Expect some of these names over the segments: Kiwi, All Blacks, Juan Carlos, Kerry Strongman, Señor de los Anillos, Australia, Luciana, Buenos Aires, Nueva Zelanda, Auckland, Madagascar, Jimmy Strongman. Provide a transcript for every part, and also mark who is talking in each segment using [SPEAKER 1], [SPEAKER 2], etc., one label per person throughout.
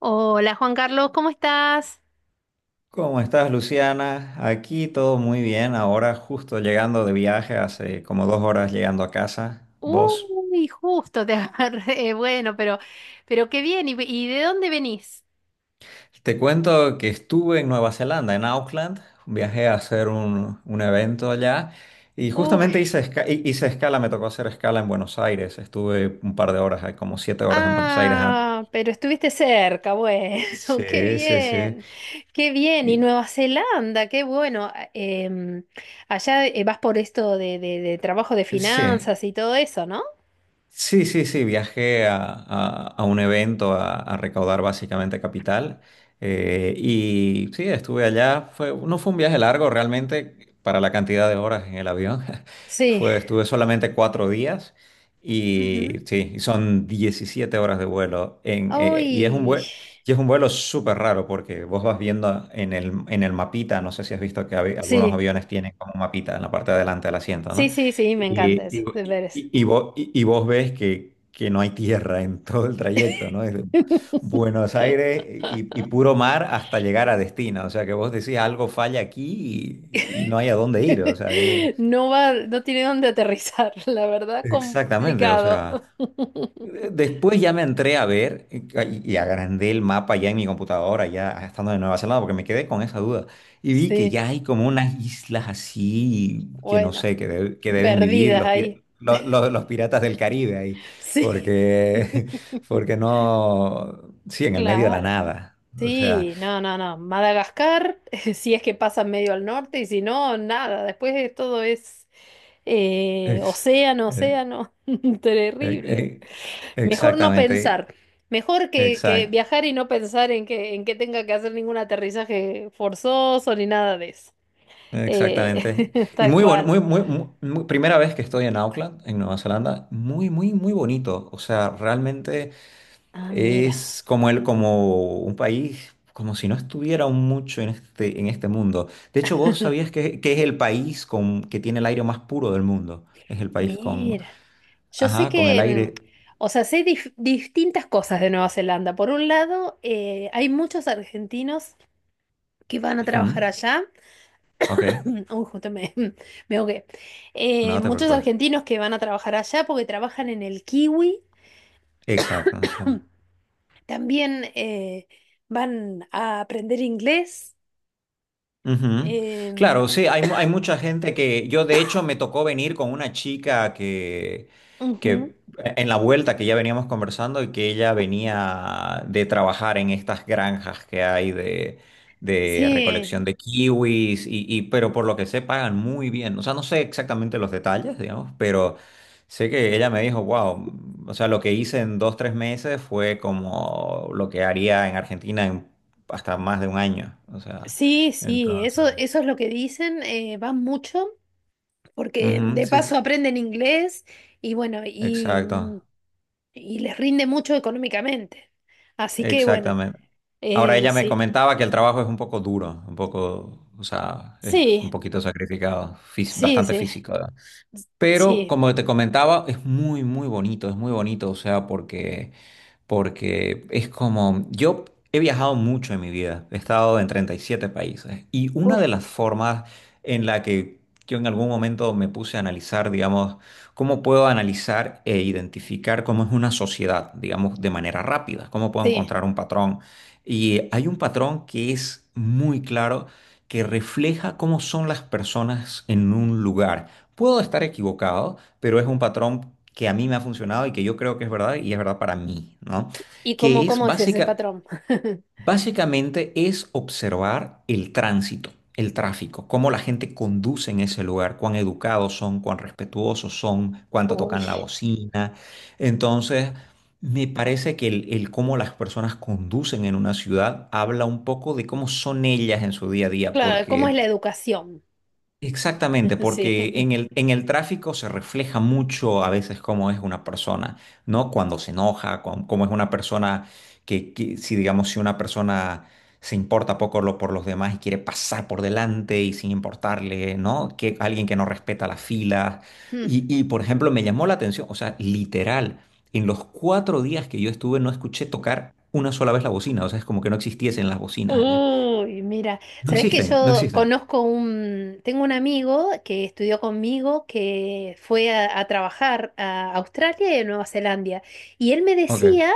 [SPEAKER 1] Hola Juan Carlos, ¿cómo estás?
[SPEAKER 2] ¿Cómo estás, Luciana? Aquí todo muy bien. Ahora justo llegando de viaje, hace como 2 horas llegando a casa. ¿Vos?
[SPEAKER 1] Uy, justo te agarré. Bueno, pero qué bien. ¿Y de dónde venís?
[SPEAKER 2] Te cuento que estuve en Nueva Zelanda, en Auckland. Viajé a hacer un evento allá y justamente
[SPEAKER 1] Uy,
[SPEAKER 2] hice escala, me tocó hacer escala en Buenos Aires. Estuve un par de horas, como 7 horas en Buenos Aires antes.
[SPEAKER 1] ah, pero estuviste cerca, bueno, qué
[SPEAKER 2] Sí, sí, sí.
[SPEAKER 1] bien, qué bien. Y
[SPEAKER 2] Y-
[SPEAKER 1] Nueva Zelanda, qué bueno. Allá vas por esto de trabajo de
[SPEAKER 2] sí.
[SPEAKER 1] finanzas y todo eso, ¿no?
[SPEAKER 2] Sí, sí, sí, viajé a un evento a recaudar básicamente capital, y sí, estuve allá, no fue un viaje largo realmente para la cantidad de horas en el avión,
[SPEAKER 1] Sí.
[SPEAKER 2] estuve solamente 4 días y
[SPEAKER 1] Ujú.
[SPEAKER 2] sí, y son 17 horas de vuelo, y es un
[SPEAKER 1] Uy,
[SPEAKER 2] vuelo, y es un vuelo súper raro porque vos vas viendo en el mapita, no sé si has visto que algunos
[SPEAKER 1] sí,
[SPEAKER 2] aviones tienen como un mapita en la parte de adelante del asiento,
[SPEAKER 1] sí,
[SPEAKER 2] ¿no?
[SPEAKER 1] sí, sí, me encanta
[SPEAKER 2] Y,
[SPEAKER 1] eso, de
[SPEAKER 2] y,
[SPEAKER 1] veras.
[SPEAKER 2] y vos, y- y vos ves que no hay tierra en todo el trayecto, ¿no? Desde Buenos Aires y puro mar hasta llegar a destino. O sea que vos decís algo falla aquí y no hay a dónde ir. O sea,
[SPEAKER 1] No va, no tiene dónde aterrizar, la verdad,
[SPEAKER 2] exactamente. O
[SPEAKER 1] complicado.
[SPEAKER 2] sea, Después ya me entré a ver, y agrandé el mapa ya en mi computadora, ya estando de Nueva Zelanda, porque me quedé con esa duda. Y vi que
[SPEAKER 1] Sí,
[SPEAKER 2] ya hay como unas islas así, que no
[SPEAKER 1] bueno,
[SPEAKER 2] sé, que deben vivir
[SPEAKER 1] perdidas
[SPEAKER 2] los,
[SPEAKER 1] ahí.
[SPEAKER 2] pir- lo- lo- los piratas del Caribe ahí,
[SPEAKER 1] Sí.
[SPEAKER 2] porque, porque no, sí, en el medio de la
[SPEAKER 1] Claro.
[SPEAKER 2] nada. O sea,
[SPEAKER 1] Sí, no, no, no. Madagascar, si es que pasa medio al norte y si no, nada. Después de todo es
[SPEAKER 2] ex-
[SPEAKER 1] océano,
[SPEAKER 2] eh,
[SPEAKER 1] océano. Terrible.
[SPEAKER 2] eh, eh,
[SPEAKER 1] Mejor no
[SPEAKER 2] exactamente,
[SPEAKER 1] pensar. Mejor que
[SPEAKER 2] exact-
[SPEAKER 1] viajar y no pensar en que tenga que hacer ningún aterrizaje forzoso ni nada de eso. Eh,
[SPEAKER 2] Exactamente. Y
[SPEAKER 1] tal
[SPEAKER 2] muy bueno,
[SPEAKER 1] cual.
[SPEAKER 2] muy, muy, primera vez que estoy en Auckland, en Nueva Zelanda, muy, muy, muy bonito. O sea, realmente
[SPEAKER 1] Ah, mira,
[SPEAKER 2] es como el, como un país, como si no estuviera mucho en este mundo. De hecho, vos sabías que es el país que tiene el aire más puro del mundo. Es el país
[SPEAKER 1] mira. Yo sé
[SPEAKER 2] ajá, con el
[SPEAKER 1] que,
[SPEAKER 2] aire.
[SPEAKER 1] o sea, sé distintas cosas de Nueva Zelanda. Por un lado, hay muchos argentinos que van a
[SPEAKER 2] Ujú.
[SPEAKER 1] trabajar allá.
[SPEAKER 2] Ok,
[SPEAKER 1] Uy, me ahogué.
[SPEAKER 2] no te
[SPEAKER 1] Muchos
[SPEAKER 2] preocupes.
[SPEAKER 1] argentinos que van a trabajar allá porque trabajan en el Kiwi.
[SPEAKER 2] Exacto, sí.
[SPEAKER 1] También van a aprender inglés.
[SPEAKER 2] Ujú.
[SPEAKER 1] Em,
[SPEAKER 2] Claro, sí, hay mucha gente que yo de hecho me tocó venir con una chica que,
[SPEAKER 1] Ujú.
[SPEAKER 2] que e, en la vuelta que ya veníamos conversando y que ella venía de trabajar en estas granjas que hay de recolección
[SPEAKER 1] Sí,
[SPEAKER 2] de kiwis pero por lo que sé pagan muy bien. O sea, no sé exactamente los detalles, digamos, pero sé que ella me dijo, wow, o sea, lo que hice en 2, 3 meses fue como lo que haría en Argentina en hasta más de un año. O sea.
[SPEAKER 1] sí, sí, eso,
[SPEAKER 2] Entonces,
[SPEAKER 1] eso es lo que dicen, van mucho, porque
[SPEAKER 2] ujú,
[SPEAKER 1] de
[SPEAKER 2] sí, sí,
[SPEAKER 1] paso aprenden inglés y bueno,
[SPEAKER 2] exacto,
[SPEAKER 1] y les rinde mucho económicamente. Así que bueno,
[SPEAKER 2] exactamente. Ahora ella me
[SPEAKER 1] sí,
[SPEAKER 2] comentaba que el trabajo es un poco duro, un poco, o sea, es un
[SPEAKER 1] sí,
[SPEAKER 2] poquito sacrificado,
[SPEAKER 1] sí,
[SPEAKER 2] bastante
[SPEAKER 1] sí,
[SPEAKER 2] físico, ¿verdad? Pero
[SPEAKER 1] sí,
[SPEAKER 2] como te comentaba, es muy, muy bonito, es muy bonito, o sea, porque porque es como, yo he viajado mucho en mi vida, he estado en 37 países y una
[SPEAKER 1] uf,
[SPEAKER 2] de las formas en la que yo en algún momento me puse a analizar, digamos, cómo puedo analizar e identificar cómo es una sociedad, digamos, de manera rápida, cómo puedo
[SPEAKER 1] sí.
[SPEAKER 2] encontrar un patrón. Y hay un patrón que es muy claro, que refleja cómo son las personas en un lugar. Puedo estar equivocado, pero es un patrón que a mí me ha funcionado y que yo creo que es verdad y es verdad para mí, ¿no?
[SPEAKER 1] ¿Y cómo,
[SPEAKER 2] Que es
[SPEAKER 1] cómo es ese
[SPEAKER 2] básica,
[SPEAKER 1] patrón?
[SPEAKER 2] básicamente es observar el tránsito, el tráfico, cómo la gente conduce en ese lugar, cuán educados son, cuán respetuosos son, cuánto
[SPEAKER 1] Uy,
[SPEAKER 2] tocan la bocina. Entonces, me parece que el cómo las personas conducen en una ciudad habla un poco de cómo son ellas en su día a día,
[SPEAKER 1] claro, ¿cómo es
[SPEAKER 2] porque
[SPEAKER 1] la educación?
[SPEAKER 2] exactamente,
[SPEAKER 1] Sí.
[SPEAKER 2] porque en el tráfico se refleja mucho a veces cómo es una persona, ¿no? Cuando se enoja, cómo es una persona que si digamos, si una persona se importa poco por los demás y quiere pasar por delante y sin importarle, ¿no? Que alguien que no respeta las filas.
[SPEAKER 1] Mm.
[SPEAKER 2] Por ejemplo, me llamó la atención, o sea, literal, en los 4 días que yo estuve no escuché tocar una sola vez la bocina, o sea, es como que no existiesen las bocinas allá.
[SPEAKER 1] Uy, mira,
[SPEAKER 2] No
[SPEAKER 1] sabes que
[SPEAKER 2] existen, no
[SPEAKER 1] yo
[SPEAKER 2] existen.
[SPEAKER 1] conozco un, tengo un amigo que estudió conmigo que fue a trabajar a Australia y a Nueva Zelanda y él me
[SPEAKER 2] Ok.
[SPEAKER 1] decía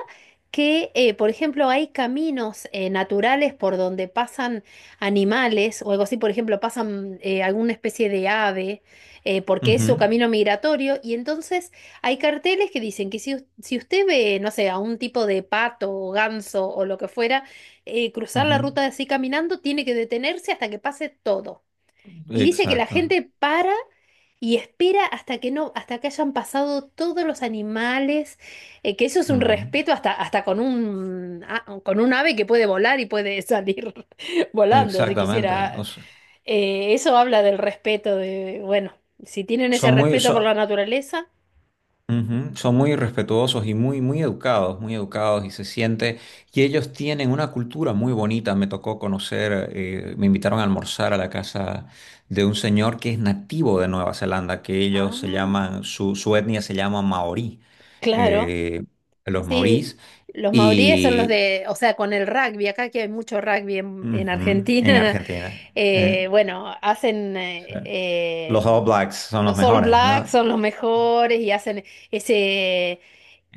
[SPEAKER 1] que, por ejemplo, hay caminos naturales por donde pasan animales o algo así, por ejemplo, pasan alguna especie de ave porque es su
[SPEAKER 2] Ujú,
[SPEAKER 1] camino migratorio y entonces hay carteles que dicen que si, si usted ve, no sé, a un tipo de pato o ganso o lo que fuera cruzar
[SPEAKER 2] ujú.
[SPEAKER 1] la ruta así caminando, tiene que detenerse hasta que pase todo. Y dice que la
[SPEAKER 2] Exacto.
[SPEAKER 1] gente para y espera hasta que no, hasta que hayan pasado todos los animales, que eso es un
[SPEAKER 2] Ujú.
[SPEAKER 1] respeto hasta con un, con un ave que puede volar y puede salir volando si
[SPEAKER 2] Exactamente. O
[SPEAKER 1] quisiera.
[SPEAKER 2] sea,
[SPEAKER 1] Eso habla del respeto de, bueno, si tienen ese
[SPEAKER 2] son muy,
[SPEAKER 1] respeto por
[SPEAKER 2] son,
[SPEAKER 1] la naturaleza.
[SPEAKER 2] ujú, son muy respetuosos y muy, muy educados y se siente. Y ellos tienen una cultura muy bonita. Me tocó conocer, me invitaron a almorzar a la casa de un señor que es nativo de Nueva Zelanda, que ellos se
[SPEAKER 1] Ah,
[SPEAKER 2] llaman, su etnia se llama maorí,
[SPEAKER 1] claro.
[SPEAKER 2] eh, los
[SPEAKER 1] Sí,
[SPEAKER 2] maorís.
[SPEAKER 1] los maoríes son los
[SPEAKER 2] Y
[SPEAKER 1] de, o sea, con el rugby, acá que hay mucho rugby en
[SPEAKER 2] ujú, en
[SPEAKER 1] Argentina,
[SPEAKER 2] Argentina. eh,
[SPEAKER 1] bueno, hacen,
[SPEAKER 2] los All Blacks son los
[SPEAKER 1] los All
[SPEAKER 2] mejores,
[SPEAKER 1] Blacks
[SPEAKER 2] ¿no?
[SPEAKER 1] son los mejores y hacen ese,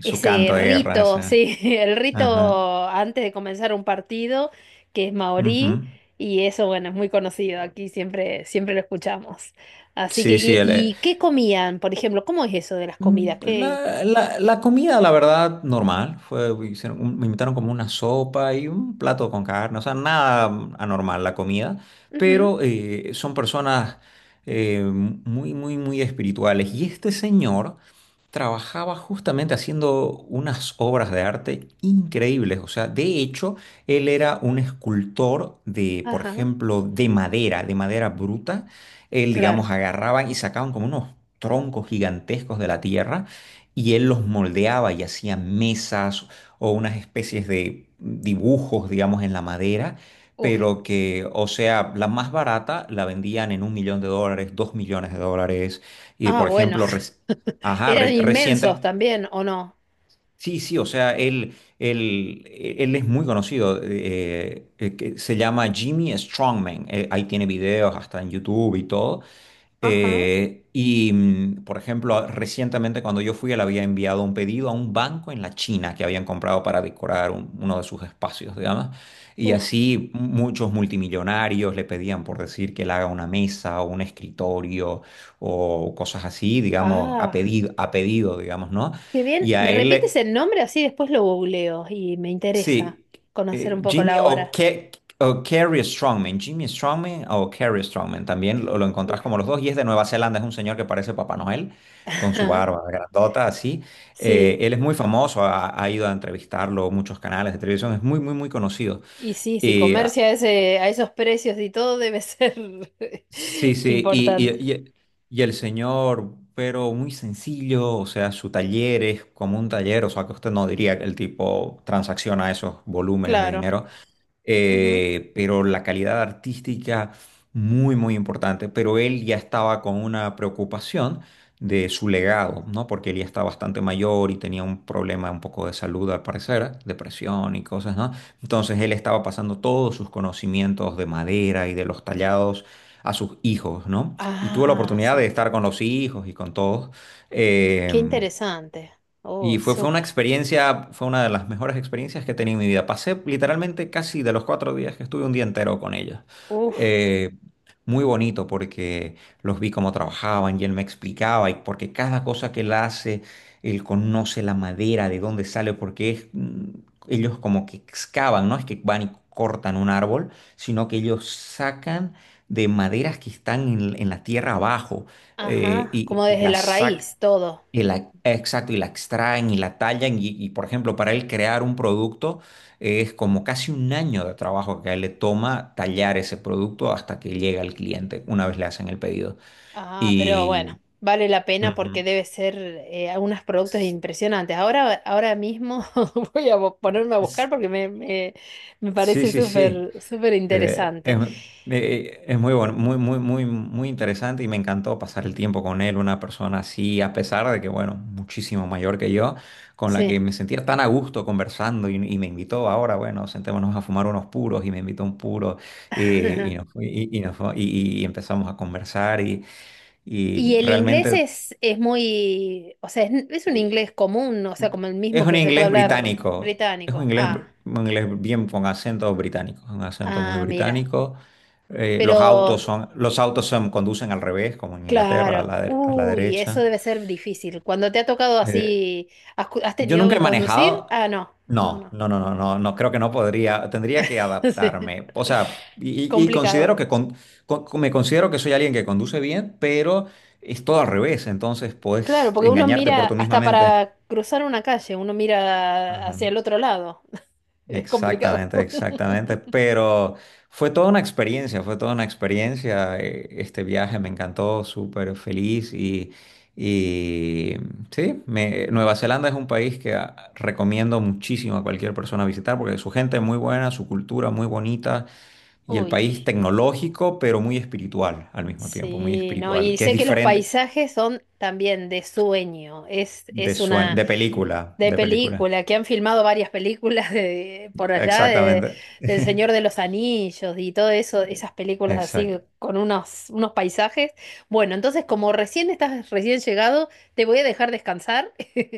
[SPEAKER 2] Su
[SPEAKER 1] ese
[SPEAKER 2] canto de guerra,
[SPEAKER 1] rito,
[SPEAKER 2] ese.
[SPEAKER 1] sí, el
[SPEAKER 2] Ajá.
[SPEAKER 1] rito antes de comenzar un partido, que es
[SPEAKER 2] Ujú.
[SPEAKER 1] maorí, y eso, bueno, es muy conocido, aquí siempre, siempre lo escuchamos. Así que,
[SPEAKER 2] Sí, sí, él,
[SPEAKER 1] y qué comían, por ejemplo? ¿Cómo es eso de las
[SPEAKER 2] Mm,
[SPEAKER 1] comidas?
[SPEAKER 2] pues
[SPEAKER 1] ¿Qué?
[SPEAKER 2] La, la- la comida, la verdad, normal. Fue, hicieron me invitaron como una sopa y un plato con carne. O sea, nada anormal la comida.
[SPEAKER 1] Ujú,
[SPEAKER 2] Pero son personas, muy, muy, muy espirituales. Y este señor trabajaba justamente haciendo unas obras de arte increíbles. O sea, de hecho, él era un escultor de, por
[SPEAKER 1] ajá,
[SPEAKER 2] ejemplo, de madera bruta, él, digamos,
[SPEAKER 1] claro.
[SPEAKER 2] agarraban y sacaban como unos troncos gigantescos de la tierra y él los moldeaba y hacía mesas o unas especies de dibujos, digamos, en la madera,
[SPEAKER 1] Uf.
[SPEAKER 2] pero que, o sea, la más barata la vendían en 1 millón de dólares, 2 millones de dólares, y
[SPEAKER 1] Ah,
[SPEAKER 2] por
[SPEAKER 1] bueno,
[SPEAKER 2] ejemplo, ajá,
[SPEAKER 1] eran
[SPEAKER 2] reciente.
[SPEAKER 1] inmensos también, ¿o no?
[SPEAKER 2] Sí, sí, o sea, él es muy conocido, que se llama Jimmy Strongman, ahí tiene videos hasta en YouTube y todo,
[SPEAKER 1] Ajá.
[SPEAKER 2] y, por ejemplo, recientemente cuando yo fui, él había enviado un pedido a un banco en la China que habían comprado para decorar uno de sus espacios, digamos. Y
[SPEAKER 1] Uf,
[SPEAKER 2] así muchos multimillonarios le pedían por decir que él haga una mesa o un escritorio o cosas así, digamos,
[SPEAKER 1] ah,
[SPEAKER 2] a pedido, digamos, ¿no?
[SPEAKER 1] qué bien.
[SPEAKER 2] Y
[SPEAKER 1] ¿Me
[SPEAKER 2] a
[SPEAKER 1] repites
[SPEAKER 2] él
[SPEAKER 1] el nombre? Así después lo googleo y me interesa
[SPEAKER 2] Sí,
[SPEAKER 1] conocer un poco
[SPEAKER 2] Jimmy
[SPEAKER 1] la
[SPEAKER 2] o,
[SPEAKER 1] obra.
[SPEAKER 2] Ke- o Kerry Strongman. Jimmy Strongman o Kerry Strongman. También lo encontrás como
[SPEAKER 1] Uf.
[SPEAKER 2] los dos. Y es de Nueva Zelanda. Es un señor que parece Papá Noel, con su
[SPEAKER 1] Ajá,
[SPEAKER 2] barba grandota, así.
[SPEAKER 1] sí,
[SPEAKER 2] Él es muy famoso. Ha ido a entrevistarlo muchos canales de televisión. Es muy, muy, muy conocido.
[SPEAKER 1] y sí, si
[SPEAKER 2] Y, ah,
[SPEAKER 1] comercia a ese, a esos precios y todo debe ser
[SPEAKER 2] sí, sí. Y,
[SPEAKER 1] importante.
[SPEAKER 2] y- y- y el señor, pero muy sencillo. O sea, su taller es como un taller. O sea, que usted no diría que el tipo transacciona esos volúmenes de
[SPEAKER 1] Claro.
[SPEAKER 2] dinero.
[SPEAKER 1] Ujú.
[SPEAKER 2] Pero la calidad artística muy, muy importante. Pero él ya estaba con una preocupación de su legado, ¿no? Porque él ya está bastante mayor y tenía un problema un poco de salud al parecer, depresión y cosas, ¿no? Entonces él estaba pasando todos sus conocimientos de madera y de los tallados a sus hijos, ¿no? Y tuvo la
[SPEAKER 1] Ah,
[SPEAKER 2] oportunidad de
[SPEAKER 1] sí.
[SPEAKER 2] estar con los hijos y con todos. Eh,
[SPEAKER 1] Qué interesante.
[SPEAKER 2] y
[SPEAKER 1] Uy,
[SPEAKER 2] fue, fue una
[SPEAKER 1] súper.
[SPEAKER 2] experiencia, fue una de las mejores experiencias que he tenido en mi vida. Pasé literalmente casi de los 4 días que estuve un día entero con ellos.
[SPEAKER 1] Uf,
[SPEAKER 2] Eh, Muy bonito porque los vi cómo trabajaban y él me explicaba y porque cada cosa que él hace, él conoce la madera, de dónde sale, porque es, ellos como que excavan, no es que van y cortan un árbol, sino que ellos sacan de maderas que están en la tierra abajo,
[SPEAKER 1] ajá, como
[SPEAKER 2] y
[SPEAKER 1] desde
[SPEAKER 2] las
[SPEAKER 1] la
[SPEAKER 2] sacan
[SPEAKER 1] raíz, todo.
[SPEAKER 2] exacto, y la extraen y la tallan y, por ejemplo, para él crear un producto, es como casi un año de trabajo que a él le toma tallar ese producto hasta que llega al cliente una vez le hacen el pedido.
[SPEAKER 1] Ah, pero bueno,
[SPEAKER 2] Y...
[SPEAKER 1] vale la pena
[SPEAKER 2] Ujú.
[SPEAKER 1] porque debe ser algunos productos
[SPEAKER 2] S-
[SPEAKER 1] impresionantes. Ahora, ahora mismo voy a ponerme a buscar
[SPEAKER 2] s-
[SPEAKER 1] me
[SPEAKER 2] Sí,
[SPEAKER 1] parece
[SPEAKER 2] sí, sí.
[SPEAKER 1] súper, súper
[SPEAKER 2] Eh, es,
[SPEAKER 1] interesante.
[SPEAKER 2] es muy bueno, muy, muy, muy, muy interesante y me encantó pasar el tiempo con él, una persona así, a pesar de que, bueno, muchísimo mayor que yo, con la
[SPEAKER 1] Sí.
[SPEAKER 2] que me sentía tan a gusto conversando y me invitó ahora, bueno, sentémonos a fumar unos puros y me invitó un puro, y empezamos a conversar y
[SPEAKER 1] Y el inglés
[SPEAKER 2] realmente.
[SPEAKER 1] es muy, o sea, es un inglés común, o sea, como el
[SPEAKER 2] Es
[SPEAKER 1] mismo
[SPEAKER 2] un
[SPEAKER 1] que se puede
[SPEAKER 2] inglés
[SPEAKER 1] hablar
[SPEAKER 2] británico. Es un
[SPEAKER 1] británico.
[SPEAKER 2] inglés, br-
[SPEAKER 1] Ah,
[SPEAKER 2] un inglés bien con acento británico. Un acento muy
[SPEAKER 1] ah, mira.
[SPEAKER 2] británico. Eh, los
[SPEAKER 1] Pero,
[SPEAKER 2] autos son, los autos son, conducen al revés, como en Inglaterra,
[SPEAKER 1] claro,
[SPEAKER 2] a la
[SPEAKER 1] uy, eso
[SPEAKER 2] derecha.
[SPEAKER 1] debe ser difícil. Cuando te ha tocado
[SPEAKER 2] Eh,
[SPEAKER 1] así, ¿has, has
[SPEAKER 2] yo
[SPEAKER 1] tenido
[SPEAKER 2] nunca he
[SPEAKER 1] que conducir?
[SPEAKER 2] manejado.
[SPEAKER 1] Ah, no, no,
[SPEAKER 2] No,
[SPEAKER 1] no.
[SPEAKER 2] no, no, no, no, no, creo que no podría. Tendría que
[SPEAKER 1] Sí.
[SPEAKER 2] adaptarme. O sea, y, y
[SPEAKER 1] Complicado.
[SPEAKER 2] considero que me considero que soy alguien que conduce bien, pero es todo al revés. Entonces,
[SPEAKER 1] Claro,
[SPEAKER 2] puedes
[SPEAKER 1] porque uno
[SPEAKER 2] engañarte
[SPEAKER 1] mira
[SPEAKER 2] por tu misma
[SPEAKER 1] hasta
[SPEAKER 2] mente.
[SPEAKER 1] para cruzar una calle, uno mira
[SPEAKER 2] Ajá.
[SPEAKER 1] hacia el otro lado. Es complicado.
[SPEAKER 2] Exactamente, exactamente. Pero fue toda una experiencia, fue toda una experiencia. Este viaje me encantó, súper feliz y, sí, Nueva Zelanda es un país que, recomiendo muchísimo a cualquier persona visitar porque su gente es muy buena, su cultura muy bonita y el
[SPEAKER 1] Uy,
[SPEAKER 2] país tecnológico, pero muy espiritual al mismo tiempo, muy
[SPEAKER 1] sí, no,
[SPEAKER 2] espiritual,
[SPEAKER 1] y
[SPEAKER 2] que es
[SPEAKER 1] sé que los
[SPEAKER 2] diferente,
[SPEAKER 1] paisajes son también de sueño. Es una
[SPEAKER 2] de película,
[SPEAKER 1] de
[SPEAKER 2] de película.
[SPEAKER 1] película, que han filmado varias películas de, por allá de,
[SPEAKER 2] Exactamente.
[SPEAKER 1] del Señor de los Anillos y todo eso, esas películas así
[SPEAKER 2] Exacto.
[SPEAKER 1] con unos, unos paisajes. Bueno, entonces como recién estás recién llegado, te voy a dejar descansar.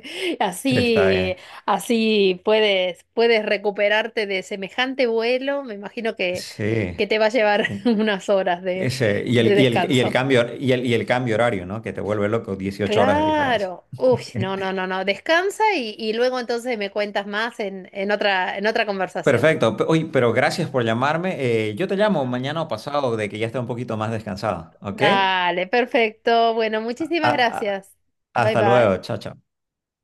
[SPEAKER 2] Está
[SPEAKER 1] Así,
[SPEAKER 2] bien.
[SPEAKER 1] así puedes, puedes recuperarte de semejante vuelo. Me imagino
[SPEAKER 2] Sí.
[SPEAKER 1] que te va a llevar unas horas
[SPEAKER 2] Ese, y
[SPEAKER 1] de
[SPEAKER 2] el, y el, y el
[SPEAKER 1] descanso.
[SPEAKER 2] cambio, y el cambio horario, ¿no? Que te vuelve loco, 18 horas de diferencia.
[SPEAKER 1] Claro. Uy, no, no, no, no. Descansa y luego entonces me cuentas más en otra conversación.
[SPEAKER 2] Perfecto. Oye, pero gracias por llamarme. Yo te llamo
[SPEAKER 1] No.
[SPEAKER 2] mañana o pasado de que ya esté un poquito más descansado, ¿ok?
[SPEAKER 1] Dale, perfecto. Bueno,
[SPEAKER 2] A-
[SPEAKER 1] muchísimas
[SPEAKER 2] a-
[SPEAKER 1] gracias. Bye
[SPEAKER 2] Hasta
[SPEAKER 1] bye.
[SPEAKER 2] luego. Chao, chao.